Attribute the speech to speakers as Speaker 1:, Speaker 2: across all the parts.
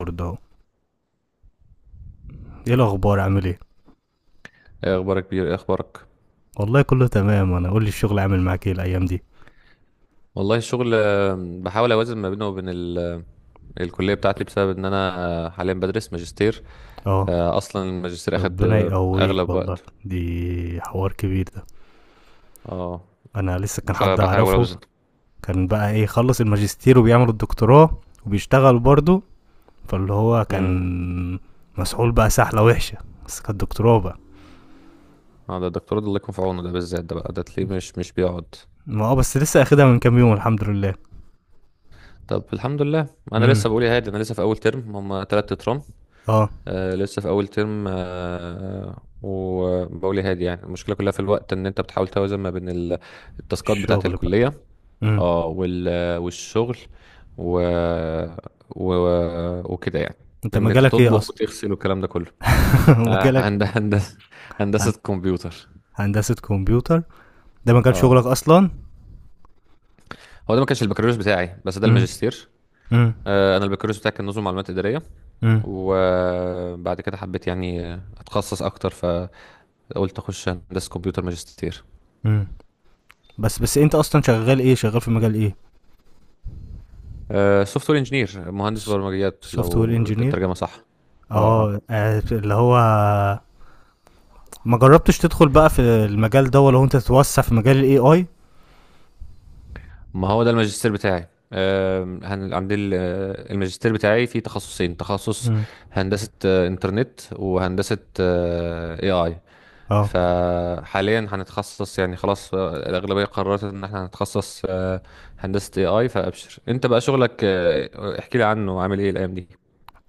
Speaker 1: برضه اهو. ايه الاخبار؟ عامل ايه؟
Speaker 2: ايه اخبارك بيه؟ ايه اخبارك
Speaker 1: والله كله تمام. انا قول لي الشغل عامل معاك ايه الايام دي؟
Speaker 2: والله الشغل، بحاول اوازن ما بينه وبين الكليه بتاعتي بسبب ان انا حاليا بدرس ماجستير.
Speaker 1: اه،
Speaker 2: فاصلا الماجستير اخد
Speaker 1: ربنا يقويك
Speaker 2: اغلب
Speaker 1: والله.
Speaker 2: وقت.
Speaker 1: دي حوار كبير ده.
Speaker 2: اه،
Speaker 1: انا لسه كان حد
Speaker 2: فبحاول
Speaker 1: اعرفه،
Speaker 2: اوزن.
Speaker 1: كان بقى ايه، خلص الماجستير وبيعمل الدكتوراه وبيشتغل برضه، فاللي هو
Speaker 2: امم.
Speaker 1: كان مسحول بقى سحلة وحشة، بس كانت دكتوراه بقى.
Speaker 2: اه، ده الدكتور ده الله يكون في عونه، ده بالذات ده بقى ده تلاقيه مش بيقعد.
Speaker 1: ما اه، بس لسه اخدها من كام يوم الحمد لله.
Speaker 2: طب الحمد لله. انا
Speaker 1: امم
Speaker 2: لسه بقول يا هادي، انا لسه في اول ترم، هم تلات ترام.
Speaker 1: اه
Speaker 2: لسه في اول ترم، وبقول يا هادي، يعني المشكله كلها في الوقت، ان انت بتحاول توازن ما بين التاسكات بتاعه
Speaker 1: الشغل بقى.
Speaker 2: الكليه.
Speaker 1: امم
Speaker 2: اه، والشغل و... و... وكده يعني،
Speaker 1: انت
Speaker 2: ان انت
Speaker 1: مجالك ايه
Speaker 2: تطبخ
Speaker 1: اصلا؟
Speaker 2: وتغسل والكلام ده كله. آه،
Speaker 1: مجالك
Speaker 2: هند... هندسه
Speaker 1: هن-
Speaker 2: هندسه كمبيوتر.
Speaker 1: هندسة كمبيوتر، ده مجال
Speaker 2: اه،
Speaker 1: شغلك اصلا؟
Speaker 2: هو ده ما كانش البكالوريوس بتاعي، بس ده
Speaker 1: امم
Speaker 2: الماجستير.
Speaker 1: امم
Speaker 2: انا البكالوريوس بتاعي كان نظم معلومات اداريه،
Speaker 1: امم
Speaker 2: وبعد كده حبيت يعني اتخصص اكتر، فقلت اخش هندسه كمبيوتر ماجستير.
Speaker 1: امم بس انت اصلا شغال ايه، شغال في مجال ايه؟
Speaker 2: سوفت وير انجينير، مهندس برمجيات
Speaker 1: سوفت وير
Speaker 2: لو
Speaker 1: انجينير.
Speaker 2: الترجمه صح. اه، اه،
Speaker 1: اه، اللي هو ما جربتش تدخل بقى في المجال ده، ولا هو انت تتوسع في مجال الاي اي؟
Speaker 2: ما هو ده الماجستير بتاعي. عندي الماجستير بتاعي فيه تخصصين: تخصص
Speaker 1: امم
Speaker 2: هندسة إنترنت، وهندسة AI.
Speaker 1: اه
Speaker 2: فحاليا هنتخصص يعني، خلاص، الأغلبية قررت إن احنا هنتخصص هندسة AI. فأبشر، أنت بقى شغلك احكي لي عنه، عامل إيه الأيام دي؟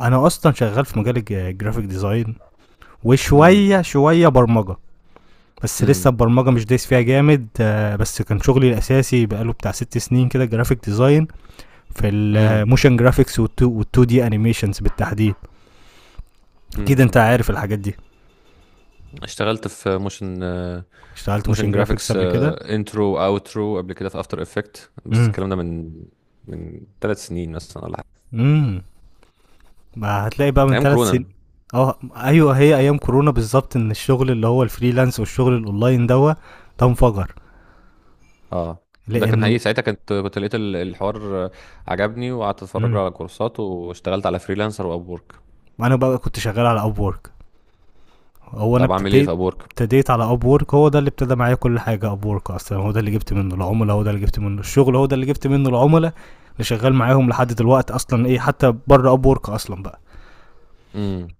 Speaker 1: انا اصلا شغال في مجال الجرافيك ديزاين
Speaker 2: امم،
Speaker 1: وشويه شويه برمجه، بس لسه
Speaker 2: امم،
Speaker 1: البرمجه مش دايس فيها جامد، بس كان شغلي الاساسي بقاله بتاع 6 سنين كده جرافيك ديزاين، في
Speaker 2: امم،
Speaker 1: الموشن جرافيكس والتو دي انيميشنز بالتحديد. كده، انت
Speaker 2: امم.
Speaker 1: عارف الحاجات دي.
Speaker 2: اشتغلت في موشن،
Speaker 1: اشتغلت
Speaker 2: موشن
Speaker 1: موشن جرافيكس
Speaker 2: جرافيكس،
Speaker 1: قبل كده.
Speaker 2: انترو اوترو قبل كده في افتر افكت، بس
Speaker 1: امم
Speaker 2: الكلام ده من ثلاث سنين مثلا ولا حاجه.
Speaker 1: امم ما هتلاقي بقى من
Speaker 2: ايام
Speaker 1: ثلاث
Speaker 2: كورونا.
Speaker 1: سنين اه ايوه، هي ايام كورونا بالظبط، ان الشغل اللي هو الفريلانس والشغل الاونلاين دوا ده انفجر.
Speaker 2: اه، ده كان
Speaker 1: لان
Speaker 2: حقيقي. ساعتها كنت لقيت الحوار عجبني، وقعدت اتفرج له
Speaker 1: امم
Speaker 2: على كورسات، واشتغلت على فريلانسر واب وورك.
Speaker 1: انا بقى كنت شغال على اب وورك. هو انا
Speaker 2: طب اعمل ايه في اب
Speaker 1: ابتديت،
Speaker 2: وورك؟
Speaker 1: ابتديت على اب وورك. هو ده اللي ابتدى معايا كل حاجه، اب وورك اصلا هو ده اللي جبت منه العملاء، هو ده اللي جبت منه الشغل، هو ده اللي جبت منه العملاء اللي شغال معاهم لحد دلوقتي اصلا، ايه حتى بره اب وورك اصلا بقى،
Speaker 2: امم.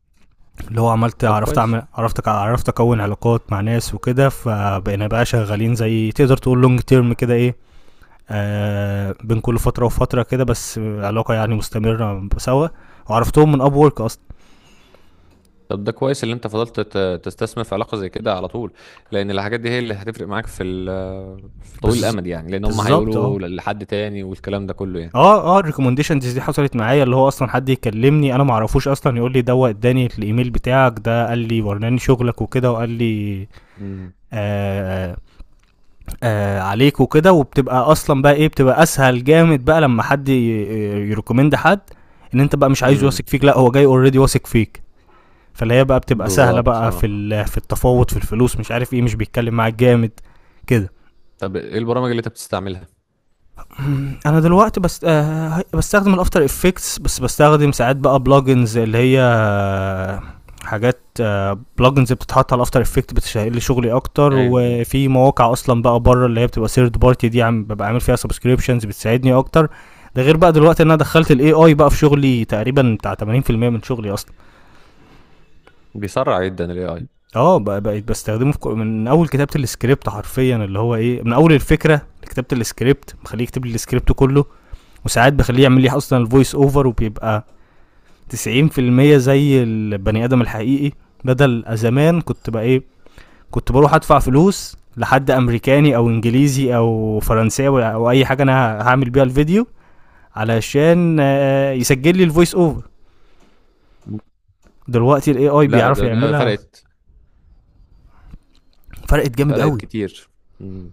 Speaker 1: اللي هو عملت،
Speaker 2: طب
Speaker 1: عرفت
Speaker 2: كويس.
Speaker 1: اعمل، عرفت، عرفت اكون علاقات مع ناس وكده، فبقينا بقى شغالين زي تقدر تقول لونج تيرم كده، ايه، آه بين كل فتره وفتره كده، بس علاقه يعني مستمره سوا، وعرفتهم من اب وورك اصلا.
Speaker 2: طب ده كويس اللي انت فضلت تستثمر في علاقه زي كده على طول، لان الحاجات دي هي اللي هتفرق معاك في طويل
Speaker 1: بز...
Speaker 2: الامد يعني، لان هم
Speaker 1: بالظبط
Speaker 2: هيقولوا
Speaker 1: اه.
Speaker 2: لحد تاني والكلام ده كله يعني.
Speaker 1: اه الريكومنديشنز دي حصلت معايا، اللي هو اصلا حد يكلمني انا ما اعرفوش اصلا، يقول لي ده اداني الايميل بتاعك، ده قال لي، وراني شغلك وكده، وقال لي
Speaker 2: امم،
Speaker 1: آه آه، آه عليك وكده، وبتبقى اصلا بقى ايه، بتبقى اسهل جامد بقى لما حد يريكومند حد، ان انت بقى مش عايز واثق
Speaker 2: امم.
Speaker 1: فيك، لا هو جاي اوريدي واثق فيك، فاللي هي بقى بتبقى سهله
Speaker 2: بالظبط،
Speaker 1: بقى في
Speaker 2: اه.
Speaker 1: في التفاوض في الفلوس، مش عارف ايه، مش بيتكلم معاك جامد كده.
Speaker 2: طب ايه البرامج اللي انت بتستعملها؟
Speaker 1: انا دلوقتي بس آه بستخدم الافتر افكتس بس، بستخدم ساعات بقى بلجنز اللي هي حاجات، بلجنز بتتحط على الافتر افكت بتسهل لي شغلي اكتر،
Speaker 2: ايوه، ايوه.
Speaker 1: وفي مواقع اصلا بقى بره اللي هي بتبقى ثيرد بارتي دي، عم ببقى عامل فيها سبسكريبشنز بتساعدني اكتر. ده غير بقى دلوقتي ان انا دخلت الاي اي بقى في شغلي تقريبا بتاع 80% من شغلي اصلا.
Speaker 2: بيسرع جدا الاي اي.
Speaker 1: اه بقيت بستخدمه في من اول كتابه السكريبت حرفيا، اللي هو ايه، من اول الفكره لكتابه السكريبت، مخليه يكتب لي السكريبت كله. وساعات بخليه يعمل لي اصلا الفويس اوفر، وبيبقى 90% زي البني ادم الحقيقي. بدل زمان كنت بقى ايه، كنت بروح ادفع فلوس لحد امريكاني او انجليزي او فرنساوي او اي حاجه انا هعمل بيها الفيديو، علشان يسجل لي الفويس اوفر. دلوقتي الاي اي
Speaker 2: لا،
Speaker 1: بيعرف
Speaker 2: ده
Speaker 1: يعملها.
Speaker 2: فرقت.
Speaker 1: فرقت جامد
Speaker 2: فرقت
Speaker 1: قوي.
Speaker 2: كتير. مم.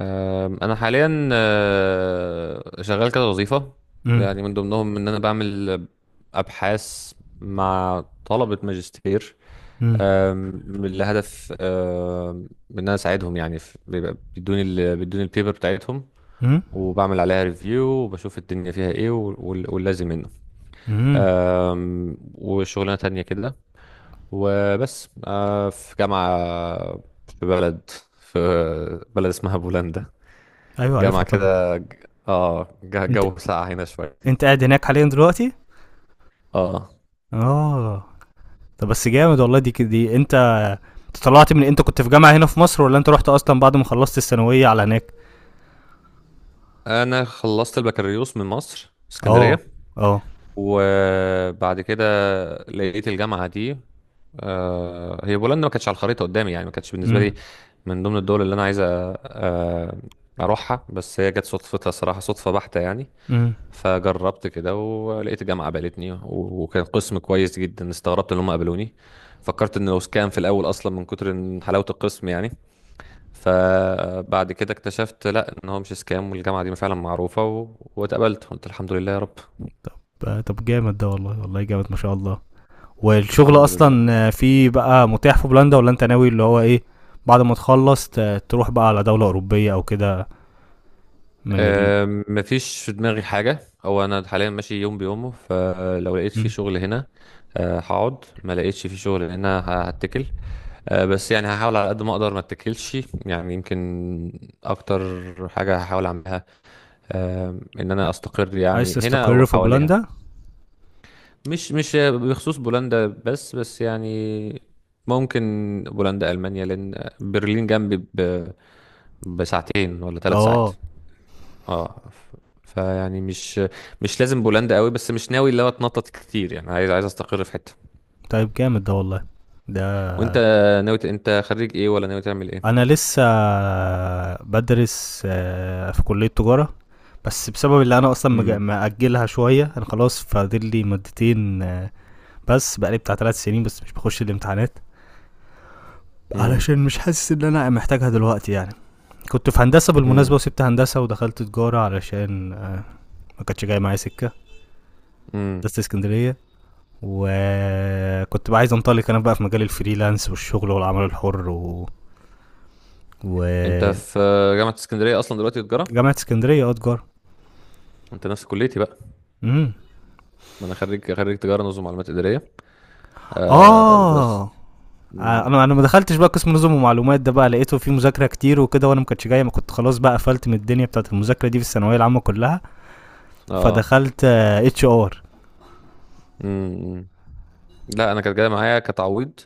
Speaker 2: انا حاليا شغال كده وظيفة،
Speaker 1: امم
Speaker 2: يعني من ضمنهم ان انا بعمل ابحاث مع طلبة ماجستير.
Speaker 1: امم
Speaker 2: آم، لهدف ان انا اساعدهم يعني، بيبقى بيدوني البيبر بتاعتهم،
Speaker 1: امم
Speaker 2: وبعمل عليها ريفيو، وبشوف الدنيا فيها ايه واللازم منه.
Speaker 1: امم
Speaker 2: وشغلانة تانية كده، وبس. في جامعة، في بلد، في اسمها بولندا.
Speaker 1: ايوه
Speaker 2: جامعة
Speaker 1: عارفها طبعا.
Speaker 2: كده،
Speaker 1: انت،
Speaker 2: جو ساقع هنا شوية.
Speaker 1: انت قاعد هناك حاليا دلوقتي؟
Speaker 2: اه،
Speaker 1: اه. طب بس جامد والله، دي دي انت، انت طلعت من، انت كنت في جامعة هنا في مصر ولا انت رحت اصلا بعد ما خلصت الثانوية على هناك؟
Speaker 2: انا خلصت البكالوريوس من مصر،
Speaker 1: اه.
Speaker 2: اسكندرية،
Speaker 1: اه.
Speaker 2: وبعد كده لقيت الجامعة دي. هي بولندا ما كانتش على الخريطة قدامي يعني، ما كانتش بالنسبة
Speaker 1: امم
Speaker 2: لي من ضمن الدول اللي انا عايز اروحها، بس هي جت صدفتها صراحة، صدفة بحتة يعني.
Speaker 1: امم
Speaker 2: فجربت كده ولقيت جامعة قبلتني، و- وكان قسم كويس جدا، استغربت ان هم قبلوني، فكرت انه سكام في الاول اصلا من كتر إن حلاوة القسم يعني. فبعد كده اكتشفت لا، ان هو مش سكام، والجامعة دي فعلا معروفة، واتقبلت، قلت الحمد لله يا رب.
Speaker 1: طب طب جامد ده والله، والله جامد ما شاء الله. والشغل
Speaker 2: الحمد لله.
Speaker 1: اصلا فيه بقى متاح في بولندا، ولا انت ناوي اللي هو ايه، بعد ما تخلص تروح بقى على دولة أوروبية او كده من ال؟
Speaker 2: مفيش في دماغي حاجة. هو انا حاليا ماشي يوم بيومه، فلو لقيت في
Speaker 1: مم.
Speaker 2: شغل هنا هقعد، ما لقيتش في شغل هنا هتكل. بس يعني هحاول على قد ما اقدر ما اتكلش، يعني يمكن اكتر حاجه هحاول اعملها ان انا
Speaker 1: ع-
Speaker 2: استقر
Speaker 1: عايز
Speaker 2: يعني هنا او
Speaker 1: تستقر في
Speaker 2: حواليها.
Speaker 1: بولندا؟
Speaker 2: مش بخصوص بولندا بس يعني ممكن بولندا، المانيا، لان برلين جنبي بساعتين ولا ثلاث ساعات.
Speaker 1: اه.
Speaker 2: اه، فيعني مش، مش لازم بولندا قوي، بس مش ناوي اللي هو اتنطط كتير يعني، عايز استقر في حته.
Speaker 1: طيب جامد ده والله. ده
Speaker 2: وانت ناوي انت خريج ايه، ولا ناوي تعمل ايه؟
Speaker 1: انا لسه بدرس في كلية تجارة، بس بسبب اللي انا اصلا
Speaker 2: امم،
Speaker 1: مأجلها شويه، انا خلاص فاضل لي مادتين بس بقالي بتاع 3 سنين بس مش بخش الامتحانات، علشان مش حاسس ان انا محتاجها دلوقتي يعني. كنت في هندسه بالمناسبه،
Speaker 2: امم،
Speaker 1: وسبت هندسه ودخلت تجاره علشان ما كانتش جايه معايا سكه
Speaker 2: امم.
Speaker 1: هندسه اسكندريه. وكنت بقى عايز انطلق انا بقى في مجال الفريلانس والشغل والعمل الحر
Speaker 2: انت
Speaker 1: و...
Speaker 2: في جامعة اسكندرية اصلا دلوقتي، تجارة.
Speaker 1: جامعه اسكندريه، اه تجاره.
Speaker 2: انت نفس كليتي بقى.
Speaker 1: امم
Speaker 2: ما انا خريج تجارة نظم معلومات ادارية
Speaker 1: اه
Speaker 2: بس. مم.
Speaker 1: انا ما دخلتش بقى قسم نظم ومعلومات ده، بقى لقيته فيه مذاكره كتير وكده، وانا ما كنتش جاي، ما كنت خلاص بقى قفلت من الدنيا بتاعت المذاكره دي في الثانويه العامه كلها،
Speaker 2: اه.
Speaker 1: فدخلت اتش ار.
Speaker 2: مم. لا، انا كانت جاية معايا كتعويض،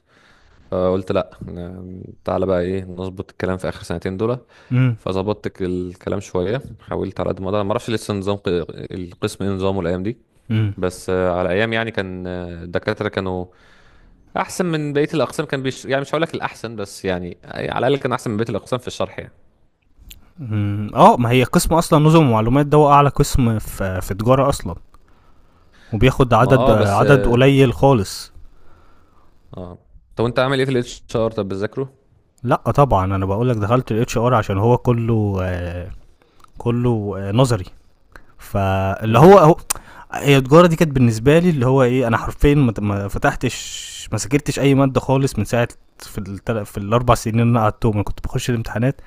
Speaker 2: فقلت لا، تعالى بقى ايه نظبط الكلام في اخر سنتين دول.
Speaker 1: امم
Speaker 2: فظبطت الكلام شوية، حاولت على قد ما اقدر. ما اعرفش لسه نظام القسم ايه نظامه الايام دي،
Speaker 1: امم
Speaker 2: بس على ايام يعني كان الدكاترة كانوا احسن من بقية الاقسام، كان بيش يعني، مش هقول لك الاحسن، بس يعني على الاقل كان احسن من بقية الاقسام في الشرح يعني.
Speaker 1: أمم. اه، ما هي قسم اصلا نظم ومعلومات ده هو اعلى قسم في تجاره اصلا، وبياخد
Speaker 2: ما
Speaker 1: عدد
Speaker 2: اه، بس
Speaker 1: عدد
Speaker 2: اه.
Speaker 1: قليل خالص.
Speaker 2: آه. طب وانت عامل ايه في الاتش ار، طب بتذاكره؟
Speaker 1: لا طبعا، انا بقول لك دخلت الاتش ار عشان هو كله كله نظري، فاللي هو
Speaker 2: امم،
Speaker 1: هو، هي التجاره دي كانت بالنسبه لي اللي هو ايه، انا حرفيا ما فتحتش، ما سجلتش اي ماده خالص من ساعه، في في الـ4 سنين اللي انا قعدتهم انا كنت بخش الامتحانات،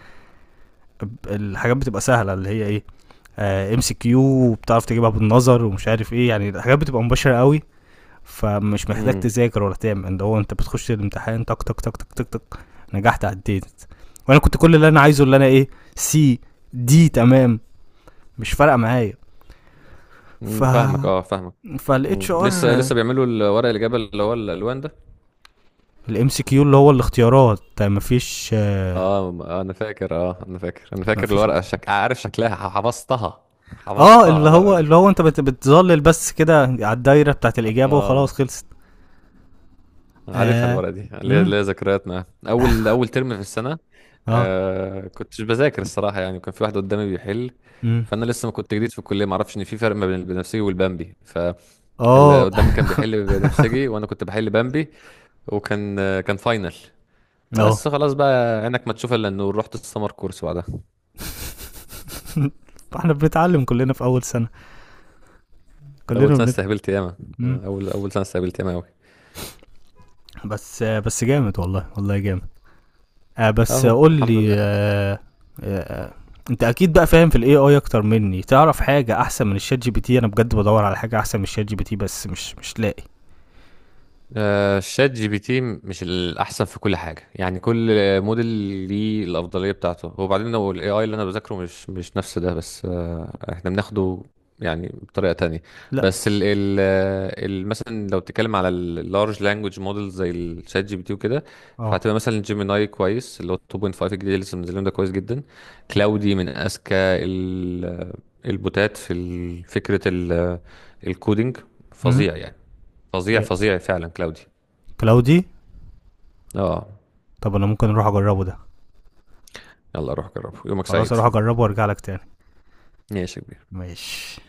Speaker 1: الحاجات بتبقى سهله اللي هي ايه، ام سي كيو، وبتعرف تجيبها بالنظر ومش عارف ايه، يعني الحاجات بتبقى مباشره قوي، فمش محتاج
Speaker 2: امم.
Speaker 1: تذاكر ولا تعمل ده، هو انت بتخش الامتحان تك تك تك تك تك تك، نجحت عديت، وانا كنت كل اللي انا عايزه اللي انا ايه، سي دي تمام، مش فارقه معايا. ف
Speaker 2: فاهمك، اه، فاهمك.
Speaker 1: فالاتش
Speaker 2: امم،
Speaker 1: ار.
Speaker 2: لسه بيعملوا الورق الاجابه اللي هو الالوان ده.
Speaker 1: الام سي كيو اللي هو الاختيارات، مفيش
Speaker 2: اه، انا فاكر
Speaker 1: مفيش.
Speaker 2: الورقه، عارف شكلها،
Speaker 1: اه،
Speaker 2: حفظتها الورقه دي.
Speaker 1: اللي هو انت بتظلل بس كده على الدايره بتاعت الاجابه وخلاص
Speaker 2: اه،
Speaker 1: خلصت.
Speaker 2: عارفها
Speaker 1: اه.
Speaker 2: الورقه دي، ليا
Speaker 1: امم
Speaker 2: ليا ذكريات معاها، اول ترم في السنه.
Speaker 1: اه
Speaker 2: كنتش بذاكر الصراحه يعني، وكان في واحد قدامي بيحل،
Speaker 1: امم
Speaker 2: فانا لسه ما كنت جديد في الكليه، ما اعرفش ان في فرق ما بين البنفسجي والبامبي. اللي
Speaker 1: اه
Speaker 2: قدامي كان بيحل بنفسجي وانا كنت بحل بامبي، وكان كان فاينل.
Speaker 1: اه
Speaker 2: بس خلاص بقى، عينك ما تشوف الا النور، رحت السمر كورس بعدها.
Speaker 1: احنا بنتعلم كلنا في اول سنه،
Speaker 2: اول
Speaker 1: كلنا
Speaker 2: سنه استهبلت ياما.
Speaker 1: مم.
Speaker 2: اول سنه استهبلت ياما قوي.
Speaker 1: بس بس جامد والله، والله جامد. آه بس
Speaker 2: اهو
Speaker 1: قول
Speaker 2: الحمد
Speaker 1: لي
Speaker 2: لله.
Speaker 1: آه. آه، انت اكيد بقى فاهم في الاي اي اكتر مني، تعرف حاجه احسن من الشات جي بي تي؟ انا بجد بدور على حاجه احسن من الشات جي بي تي بس مش لاقي.
Speaker 2: شات جي بي تي مش الاحسن في كل حاجه يعني، كل موديل ليه الافضليه بتاعته. وبعدين هو الاي اي اللي انا بذاكره مش نفس ده، بس احنا بناخده يعني بطريقه تانية.
Speaker 1: لا.
Speaker 2: بس مثلا لو بتتكلم على اللارج لانجوج موديل زي الشات جي بي تي وكده،
Speaker 1: اه.
Speaker 2: فهتبقى مثلا جيميناي كويس، اللي هو 2.5 الجديد اللي لسه منزلينه ده، كويس جدا. كلاودي من اذكى البوتات في فكره الكودينج،
Speaker 1: امم
Speaker 2: فظيع يعني. فظيع، فظيع فعلا كلاودي.
Speaker 1: كلاودي؟
Speaker 2: اه.
Speaker 1: طب انا ممكن اروح اجربه ده.
Speaker 2: يلا روح جربه، يومك
Speaker 1: خلاص
Speaker 2: سعيد.
Speaker 1: اروح اجربه وارجع لك تاني.
Speaker 2: ماشي يا كبير.
Speaker 1: ماشي.